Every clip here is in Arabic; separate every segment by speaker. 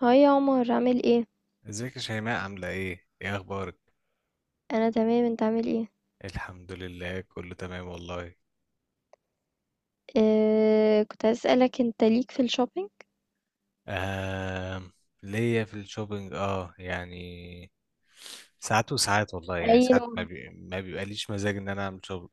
Speaker 1: هاي يا عمر، عامل ايه؟
Speaker 2: ازيك يا شيماء عاملة ايه؟ ايه اخبارك؟
Speaker 1: انا تمام، انت عامل ايه؟
Speaker 2: الحمد لله كله تمام والله.
Speaker 1: كنت عايز اسالك، انت ليك في الشوبينج؟
Speaker 2: آه ليا في الشوبينج اه يعني ساعات وساعات والله، يعني
Speaker 1: اي
Speaker 2: ساعات
Speaker 1: نوع؟
Speaker 2: ما بيبقاليش مزاج ان انا اعمل شوبينج.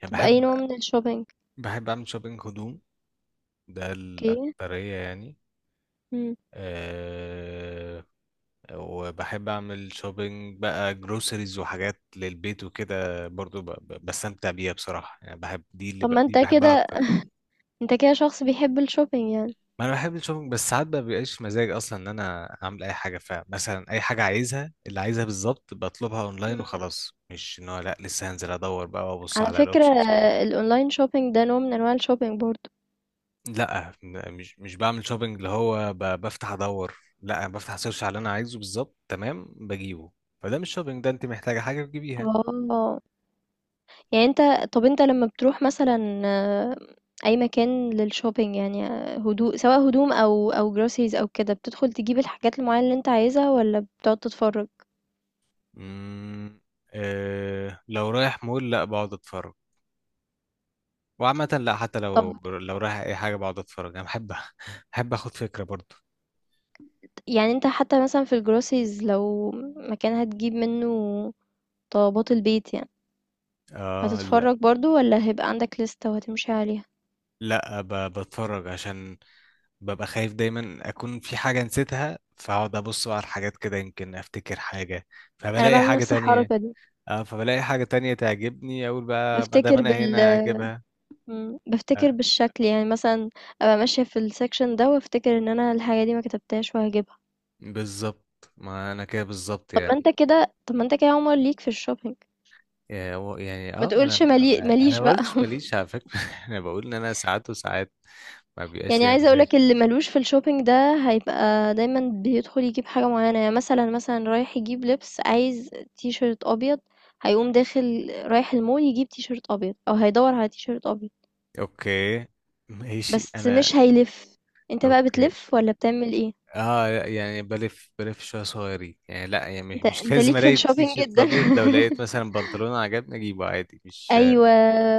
Speaker 2: يعني
Speaker 1: طب اي
Speaker 2: بحب،
Speaker 1: نوع من الشوبينج؟
Speaker 2: بحب اعمل شوبينج هدوم، ده
Speaker 1: اوكي.
Speaker 2: الاكترية يعني.
Speaker 1: مم.
Speaker 2: آه وبحب اعمل شوبينج بقى جروسريز وحاجات للبيت وكده برضو، بستمتع بيها بصراحة، يعني بحب دي،
Speaker 1: طب ما
Speaker 2: دي
Speaker 1: انت
Speaker 2: بحبها
Speaker 1: كده.
Speaker 2: اكتر.
Speaker 1: انت كده شخص بيحب الشوبينج يعني.
Speaker 2: ما انا بحب الشوبينج، بس ساعات ما بيبقاش مزاج اصلا ان انا اعمل اي حاجه. فمثلا اي حاجه عايزها، اللي عايزها بالظبط بطلبها اونلاين
Speaker 1: مم.
Speaker 2: وخلاص، مش ان هو لا لسه هنزل ادور بقى وابص
Speaker 1: على
Speaker 2: على
Speaker 1: فكره،
Speaker 2: الاوبشنز وكده.
Speaker 1: الاونلاين شوبينج ده نوع من انواع الشوبينج برضو.
Speaker 2: لا مش بعمل شوبينج اللي هو بفتح ادور، لا، أنا بفتح سيرش على اللي انا عايزه بالظبط تمام بجيبه. فده مش شوبينج، ده انت محتاجه حاجه تجيبيها.
Speaker 1: اه، يعني انت، طب انت لما بتروح مثلا اي مكان للشوبينج، يعني هدوء، سواء هدوم او جروسيز او كده، بتدخل تجيب الحاجات المعينه اللي انت عايزها ولا بتقعد تتفرج؟
Speaker 2: امم، آه لو رايح مول لا بقعد اتفرج، وعامة لا، حتى لو
Speaker 1: طب،
Speaker 2: لو رايح اي حاجة بقعد اتفرج، انا بحب بحب اخد فكرة برضو.
Speaker 1: يعني انت حتى مثلا في الجروسيز، لو مكان هتجيب منه طلبات البيت يعني،
Speaker 2: اه
Speaker 1: هتتفرج برضو ولا هيبقى عندك لستة وهتمشي عليها؟
Speaker 2: لا، بتفرج عشان ببقى خايف دايما اكون في حاجة نسيتها، فاقعد ابص بقى على الحاجات كده يمكن افتكر حاجة،
Speaker 1: انا
Speaker 2: فبلاقي
Speaker 1: بعمل
Speaker 2: حاجة
Speaker 1: نفس
Speaker 2: تانية.
Speaker 1: الحركة دي.
Speaker 2: اه فبلاقي حاجة تانية تعجبني اقول بقى ما دام
Speaker 1: بفتكر
Speaker 2: انا
Speaker 1: بال
Speaker 2: هنا اجيبها. آه.
Speaker 1: بفتكر بالشكل يعني مثلا، ابقى ماشية في السكشن ده وافتكر ان انا الحاجة دي ما كتبتهاش وهجيبها.
Speaker 2: بالظبط، ما انا كده بالظبط يعني.
Speaker 1: طب ما انت كده يا عمر، ليك في الشوبينج.
Speaker 2: يعني
Speaker 1: ما
Speaker 2: اه ما انا،
Speaker 1: تقولش
Speaker 2: انا
Speaker 1: ماليش
Speaker 2: ما
Speaker 1: بقى.
Speaker 2: قلتش ماليش على فكرة انا بقول ان انا ساعات وساعات ما بيبقاش
Speaker 1: يعني
Speaker 2: ليا
Speaker 1: عايزة
Speaker 2: مزاج.
Speaker 1: اقولك، اللي ملوش في الشوبينج ده هيبقى دايما بيدخل يجيب حاجة معينة. يعني مثلا رايح يجيب لبس، عايز تي شيرت ابيض. هيقوم داخل رايح المول يجيب تي شيرت ابيض، او هيدور على تي شيرت ابيض.
Speaker 2: اوكي، ماشي
Speaker 1: بس
Speaker 2: انا.
Speaker 1: مش هيلف. انت بقى
Speaker 2: اوكي
Speaker 1: بتلف ولا بتعمل ايه؟
Speaker 2: اه لا، يعني بلف، بلف شويه صغيرين يعني، لا يعني مش
Speaker 1: انت
Speaker 2: مش
Speaker 1: انت
Speaker 2: لازم
Speaker 1: ليك في
Speaker 2: الاقي تي
Speaker 1: الشوبينج
Speaker 2: شيرت
Speaker 1: جدا.
Speaker 2: ابيض، لو لقيت مثلا بنطلون عجبني اجيبه عادي، مش.
Speaker 1: ايوه،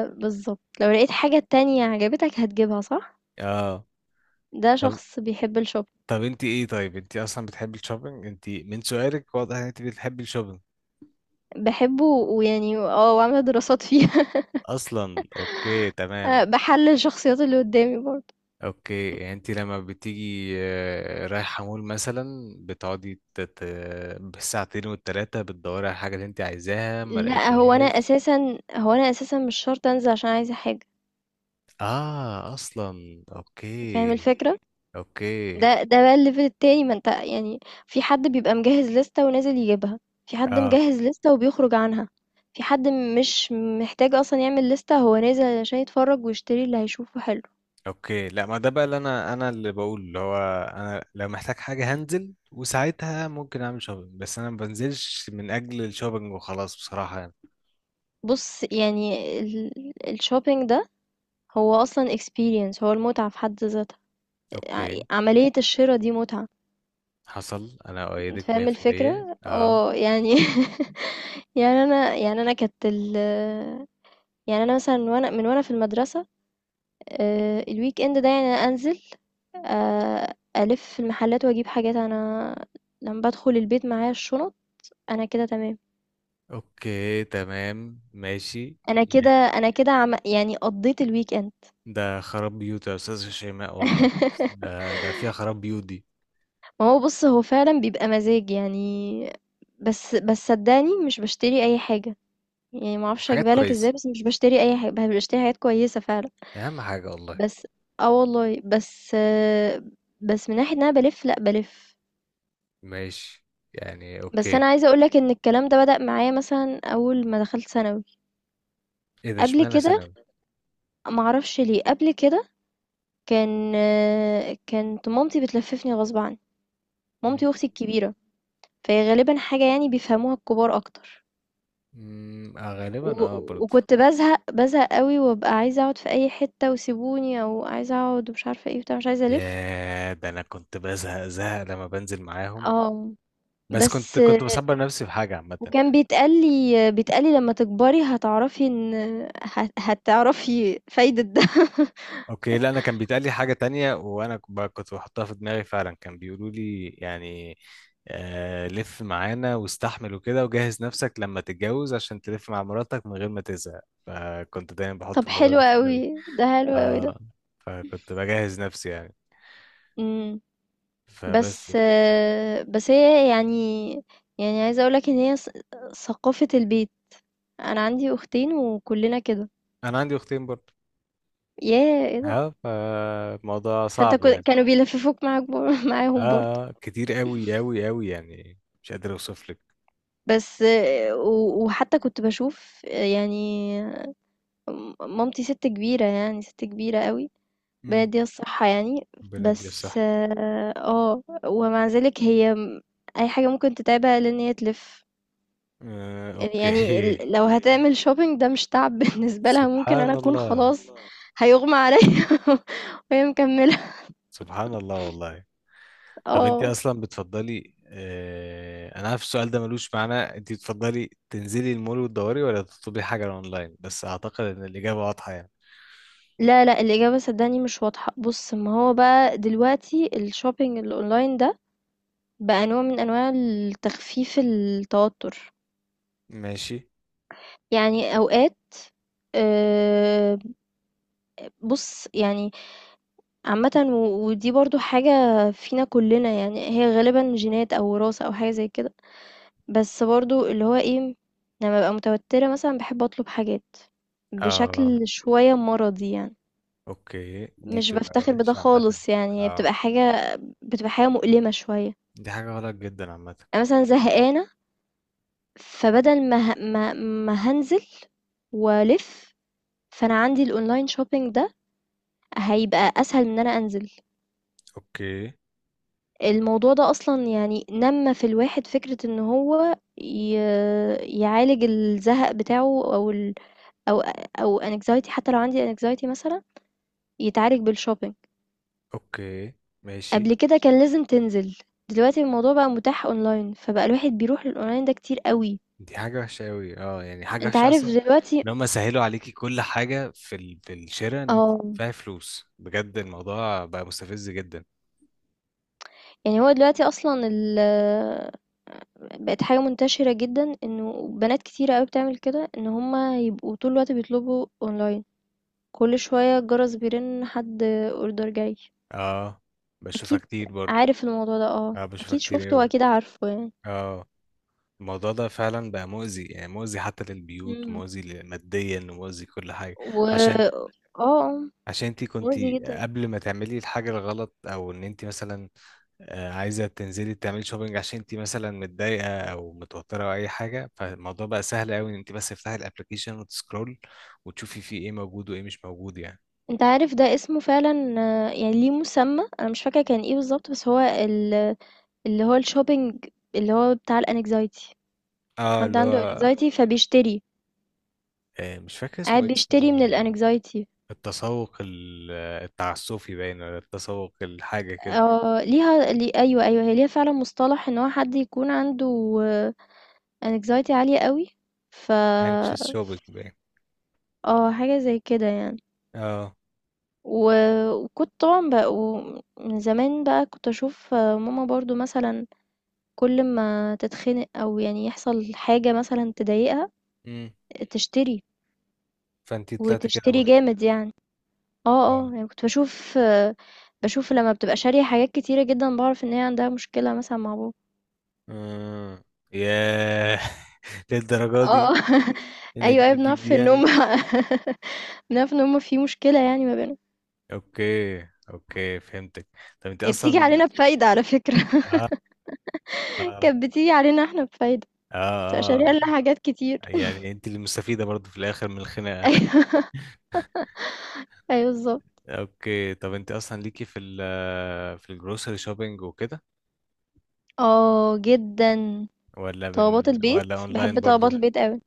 Speaker 1: بالظبط، لو لقيت حاجة تانية عجبتك هتجيبها، صح؟
Speaker 2: اه،
Speaker 1: ده
Speaker 2: طب
Speaker 1: شخص بيحب الشوبينج.
Speaker 2: طب انت ايه، طيب انت اصلا بتحبي الشوبينج، انت من سؤالك واضح ان انت بتحبي الشوبينج
Speaker 1: بحبه، ويعني وعاملة دراسات فيها.
Speaker 2: اصلا. اوكي تمام.
Speaker 1: بحلل الشخصيات اللي قدامي برضه.
Speaker 2: اوكي يعني انت لما بتيجي آه، رايحه مول مثلا بتقعدي بالساعتين والتلاته بتدوري على الحاجه اللي انت عايزاها ما
Speaker 1: لأ،
Speaker 2: لقيتيهاش؟
Speaker 1: هو أنا أساسًا مش شرط أنزل عشان عايزة حاجة.
Speaker 2: اه اصلا
Speaker 1: فاهم
Speaker 2: اوكي.
Speaker 1: الفكرة؟
Speaker 2: اوكي.
Speaker 1: ده بقى الlevel التاني، ما أنت يعني، في حد بيبقى مجهّز لِستة ونازل يجيبها، في حد
Speaker 2: اه
Speaker 1: مجهّز لِستة وبيخرج عنها، في حد مش محتاج أصلًا يعمل لِستة، هو نازل علشان يتفرّج ويشتري اللي هيشوفه حلو.
Speaker 2: اوكي لا، ما ده بقى اللي انا، اللي بقول اللي هو انا لو محتاج حاجه هنزل، وساعتها ممكن اعمل شوبينج، بس انا ما بنزلش من اجل الشوبينج وخلاص بصراحه يعني.
Speaker 1: بُص، يعني ال الshopping ده هو أصلًا experience، هو المتعة في حد ذاتها،
Speaker 2: اوكي
Speaker 1: عملية الشِرا دي متعة.
Speaker 2: حصل، انا
Speaker 1: أنت
Speaker 2: اؤيدك
Speaker 1: فاهم
Speaker 2: 100%
Speaker 1: الفكرة،
Speaker 2: اه.
Speaker 1: اه يعني. يعني انا يعني انا كانت ال يعني انا مثلا، وانا في المدرسة، الويك اند ده يعني أنا انزل، الف في المحلات واجيب حاجات انا. لما بدخل البيت معايا الشنط، انا كده تمام.
Speaker 2: اوكي تمام ماشي
Speaker 1: يعني قضيت الويك اند.
Speaker 2: ده خراب بيوت يا استاذ شيماء والله، ده فيها خراب بيوت دي.
Speaker 1: ما هو بص، هو فعلا بيبقى مزاج يعني. بس صدقني مش بشتري اي حاجة، يعني ما اعرفش
Speaker 2: حاجات
Speaker 1: اجيبها لك ازاي،
Speaker 2: كويسه،
Speaker 1: بس مش بشتري اي حاجة، بشتري حاجات كويسة فعلا.
Speaker 2: اهم حاجه والله.
Speaker 1: بس والله، بس من ناحية إن أنا بالِف، لأ بالِف.
Speaker 2: ماشي، يعني
Speaker 1: بس
Speaker 2: اوكي.
Speaker 1: أنا عايزة أقول لك إن الكلام ده بدأ معايا مثلًا أول ما دخلت ثانوي،
Speaker 2: ايه ده،
Speaker 1: قبل
Speaker 2: اشمعنى
Speaker 1: كده،
Speaker 2: ثانوي؟
Speaker 1: ما أعرفش ليه، قبل كده كانت مامتي بتلفِّفني غصب عني، مامتي وأختي الكبيرة، فهي غالبًا حاجة يعني بيفهموها الكبار أكتر.
Speaker 2: أمم،
Speaker 1: و
Speaker 2: غالبا اه برضه.
Speaker 1: وكنت بازهق، بازهق أوي، وأبقى عايزة أقعد في أي حتة وسيبوني، أو عايزة أقعد ومش عارفة إيه وبتاع، مش عايزة ألِف.
Speaker 2: ياه ده انا كنت بزهق زهق لما بنزل معاهم،
Speaker 1: آه،
Speaker 2: بس كنت
Speaker 1: بس
Speaker 2: كنت بصبر نفسي في حاجة عامة.
Speaker 1: وكان بيتقال لي لما تكبري هتعرفي ان هتعرفي فايدة ده.
Speaker 2: اوكي لا انا كان بيتقال لي حاجة تانية، وانا كنت بحطها في دماغي فعلا. كان بيقولوا لي يعني آه لف معانا واستحمل وكده، وجهز نفسك لما تتجوز عشان تلف مع مراتك من غير ما تزهق، فكنت دايما بحط
Speaker 1: طب
Speaker 2: الموضوع
Speaker 1: حلو
Speaker 2: ده في
Speaker 1: قوي
Speaker 2: دماغي.
Speaker 1: ده، حلو قوي ده.
Speaker 2: اه فكنت بجهز نفسي يعني.
Speaker 1: امم.
Speaker 2: فبس،
Speaker 1: بس هي يعني، يعني عايزة اقولك ان هي ثقافة البيت، انا عندي اختين وكلنا كده.
Speaker 2: انا عندي اختين برضه.
Speaker 1: ياه، ايه ده!
Speaker 2: اه فالموضوع
Speaker 1: فانت
Speaker 2: صعب يعني.
Speaker 1: كانوا بيلففوك معاك
Speaker 2: اه
Speaker 1: معاهم برضه؟
Speaker 2: اه كتير قوي يعني، مش قادر اوصف لك.
Speaker 1: بس وحتى كنت بشوف يعني، مامتي ست كبيرة، يعني ست كبيرة قوي،
Speaker 2: امم،
Speaker 1: بلاد دي الصحة يعني.
Speaker 2: ربنا يديها
Speaker 1: بس
Speaker 2: الصح.
Speaker 1: ومع ذلك هي أي حاجة ممكن تتعبها لأن هي تلف،
Speaker 2: آه
Speaker 1: يعني
Speaker 2: اوكي
Speaker 1: لو هتعمل شوبينج ده مش تعب. بالنسبة لها، ممكن
Speaker 2: سبحان
Speaker 1: أنا أكون
Speaker 2: الله.
Speaker 1: خلاص هيغمى عليا، وهي مكملة.
Speaker 2: سبحان الله والله. طب انت
Speaker 1: اه،
Speaker 2: اصلا بتفضلي آه، انا عارف السؤال ده ملوش معنى، انت بتفضلي تنزلي المول وتدوري ولا تطلبي حاجة اونلاين؟ بس اعتقد ان الاجابة واضحة يعني.
Speaker 1: لا، لا، الإجابة صدقني مش واضحة. بص، ما هو بقى دلوقتي الشوبينج الأونلاين ده بقى نوع من أنواع التخفيف التوتر.
Speaker 2: ماشي.
Speaker 1: يعني أوقات، آه، بص يعني، عامة ودي برضو حاجة فينا كلنا، يعني هي غالبا جينات أو وراثة أو حاجة زي كده. بس برضو، اللي هو ايه، لما ببقى متوترة مثلا بحب أطلب حاجات
Speaker 2: اه
Speaker 1: بشكل شوية مرضي يعني.
Speaker 2: اوكي دي
Speaker 1: مش
Speaker 2: بتبقى
Speaker 1: بفتخر بده
Speaker 2: وحشة عامة.
Speaker 1: خالص، يعني هي
Speaker 2: اه
Speaker 1: بتبقى حاجة مؤلمة شوية.
Speaker 2: دي حاجة غلط جدا عامة.
Speaker 1: أنا مثلا زهقانة، فبدل ما هنزل وألف، فأنا عندي الأونلاين شوبينج ده، هيبقى أسهل من إن أنا أنزل.
Speaker 2: اوكي.
Speaker 1: الموضوع ده أصلًا يعني نمّى في الواحد فكرة إن هو يعالج الزهق بتاعه أو ال أو أو anxiety. حتى لو عندي anxiety مثلًا، يتعالج بالshopping.
Speaker 2: اوكي ماشي.
Speaker 1: قبل كده كان لازم تنزل، دلوقتي الموضوع بقى متاح online، فبقى الواحد بيروح للonline ده كتير أوي.
Speaker 2: دي حاجة وحشة أوي، اه يعني حاجة
Speaker 1: أنت
Speaker 2: وحشة
Speaker 1: عارف
Speaker 2: أصلا،
Speaker 1: دلوقتي.
Speaker 2: إن هما سهلوا عليكي كل حاجة في الشراء، إن أنت
Speaker 1: آه.
Speaker 2: تدفعي فلوس بجد، الموضوع بقى مستفز جدا.
Speaker 1: يعني هو دلوقتي أصلًا بقت حاجة منتشرة جدًا إنه بنات كتيرة أوي بتعمل كده، إن هم يبقوا طول الوقت بيطلبوا online. كل شوية الجرس بيرن، حد اوردر جاي.
Speaker 2: اه بشوفها
Speaker 1: اكيد،
Speaker 2: كتير برضه.
Speaker 1: عارف الموضوع ده،
Speaker 2: اه بشوفها
Speaker 1: اكيد
Speaker 2: كتير
Speaker 1: شفته
Speaker 2: أوي.
Speaker 1: واكيد عارفه يعني.
Speaker 2: اه الموضوع ده فعلا بقى مؤذي، يعني مؤذي حتى للبيوت،
Speaker 1: مم.
Speaker 2: مؤذي ماديا ومؤذي كل حاجة.
Speaker 1: و
Speaker 2: عشان،
Speaker 1: اه آه،
Speaker 2: عشان انت كنت
Speaker 1: مؤذي جدا.
Speaker 2: قبل ما تعملي الحاجة الغلط، او ان انت مثلا آه، عايزة تنزلي تعملي شوبينج عشان انت مثلا متضايقة او متوترة او اي حاجة، فالموضوع بقى سهل قوي ان انت بس تفتحي الابلكيشن وتسكرول وتشوفي فيه ايه موجود وايه مش موجود يعني.
Speaker 1: انت عارف ده اسمه فعلا، يعني ليه مسمى، انا مش فاكره كان ايه بالظبط، بس هو اللي هو الشوبينج، اللي هو بتاع الانكزايتي.
Speaker 2: اه
Speaker 1: حد
Speaker 2: اللي
Speaker 1: عنده
Speaker 2: هو
Speaker 1: انكزايتي فبيشتري،
Speaker 2: آه، مش فاكر اسمه
Speaker 1: قاعد
Speaker 2: إيه،
Speaker 1: بيشتري من
Speaker 2: اسمه
Speaker 1: الانكزايتي.
Speaker 2: التسوق التعسفي باين، ولا التسوق الحاجة كده،
Speaker 1: اه، ليها ايوه، ايوه، هي ليها فعلا مصطلح ان هو حد يكون عنده anxiety عالية قوي. ف
Speaker 2: anxious shopping باين.
Speaker 1: اه، حاجة زي كده يعني.
Speaker 2: اه.
Speaker 1: و... وكنت طبعا بقى، ومن زمان بقى كنت اشوف ماما برضو مثلا، كل ما تتخنق او يعني يحصل حاجة مثلا تضايقها،
Speaker 2: امم.
Speaker 1: تشتري،
Speaker 2: فانت طلعت كده
Speaker 1: وتشتري
Speaker 2: برضو.
Speaker 1: جامد يعني. اه. اه،
Speaker 2: اه.
Speaker 1: يعني كنت بشوف بشوف لما بتبقى شارية حاجات كتيرة جدا، بعرف ان هي عندها مشكلة مثلا مع بابا.
Speaker 2: آه. ياه للدرجة
Speaker 1: اه.
Speaker 2: دي،
Speaker 1: آه.
Speaker 2: ان دي
Speaker 1: ايوه، ايوه،
Speaker 2: بتجيب
Speaker 1: بنعرف
Speaker 2: دي
Speaker 1: ان هم.
Speaker 2: يعني.
Speaker 1: بنعرف ان هم في مشكلة يعني ما بينهم.
Speaker 2: اوكي. اوكي فهمتك. طب انت
Speaker 1: هي بتيجي
Speaker 2: اصلا.
Speaker 1: علينا بفايدة على فكرة.
Speaker 2: اه اه.
Speaker 1: كانت بتيجي علينا احنا بفايدة، بتبقى شارية
Speaker 2: اه
Speaker 1: لنا حاجات كتير.
Speaker 2: اه، يعني انت اللي مستفيده برضه في الاخر من الخناقه.
Speaker 1: ايوه، ايوه، بالظبط.
Speaker 2: اوكي طب انت اصلا ليكي في ال، في الجروسري شوبينج وكده
Speaker 1: اه، جدا.
Speaker 2: ولا من،
Speaker 1: طلبات البيت،
Speaker 2: ولا اونلاين
Speaker 1: بحب
Speaker 2: برضه؟
Speaker 1: طلبات البيت قوي.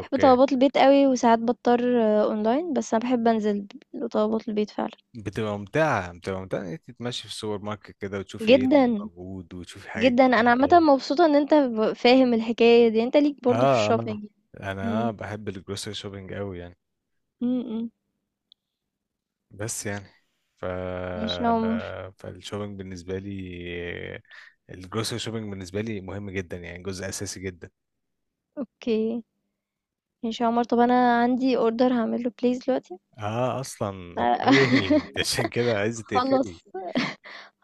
Speaker 1: بحب طلبات البيت قوي، وساعات بضطر اونلاين، بس انا بحب انزل لطلبات البيت فعلا.
Speaker 2: بتبقى ممتعه، بتبقى ممتعه ان انت تمشي في السوبر ماركت كده وتشوفي ايه اللي
Speaker 1: جدا.
Speaker 2: موجود وتشوفي حاجات
Speaker 1: جدا، انا عامة
Speaker 2: جديده.
Speaker 1: مبسوطة ان انت فاهم الحكاية دي، انت ليك برضو في
Speaker 2: اه اه
Speaker 1: الشوبينج. امم
Speaker 2: انا بحب الجروسري شوبينج قوي يعني.
Speaker 1: امم
Speaker 2: بس يعني، ف،
Speaker 1: ماشي يا عمر.
Speaker 2: فالشوبينج بالنسبة لي، الجروسري شوبينج بالنسبة لي مهم جدا يعني، جزء أساسي جدا.
Speaker 1: اوكي، ماشي يا عمر، طب انا عندي اوردر هعمله بليز دلوقتي.
Speaker 2: اه أصلا أوكي عشان كده عايزة
Speaker 1: خلّص،
Speaker 2: تقفلي.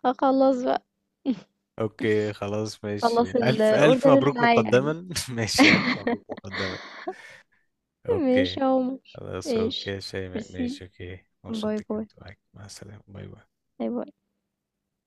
Speaker 1: خلّص بقى،
Speaker 2: أوكي خلاص ماشي،
Speaker 1: خلّص
Speaker 2: ألف ألف
Speaker 1: الorder اللي
Speaker 2: مبروك
Speaker 1: معايا يعني.
Speaker 2: مقدما ماشي ألف مبروك مقدما. أوكي
Speaker 1: ماشي يا عمر،
Speaker 2: خلاص
Speaker 1: ماشي.
Speaker 2: أوكي شيماء
Speaker 1: ميرسي،
Speaker 2: ماشي، أوكي
Speaker 1: باي،
Speaker 2: مبسوط
Speaker 1: باي،
Speaker 2: كنت معاك، مع السلامة، باي باي.
Speaker 1: باي، باي.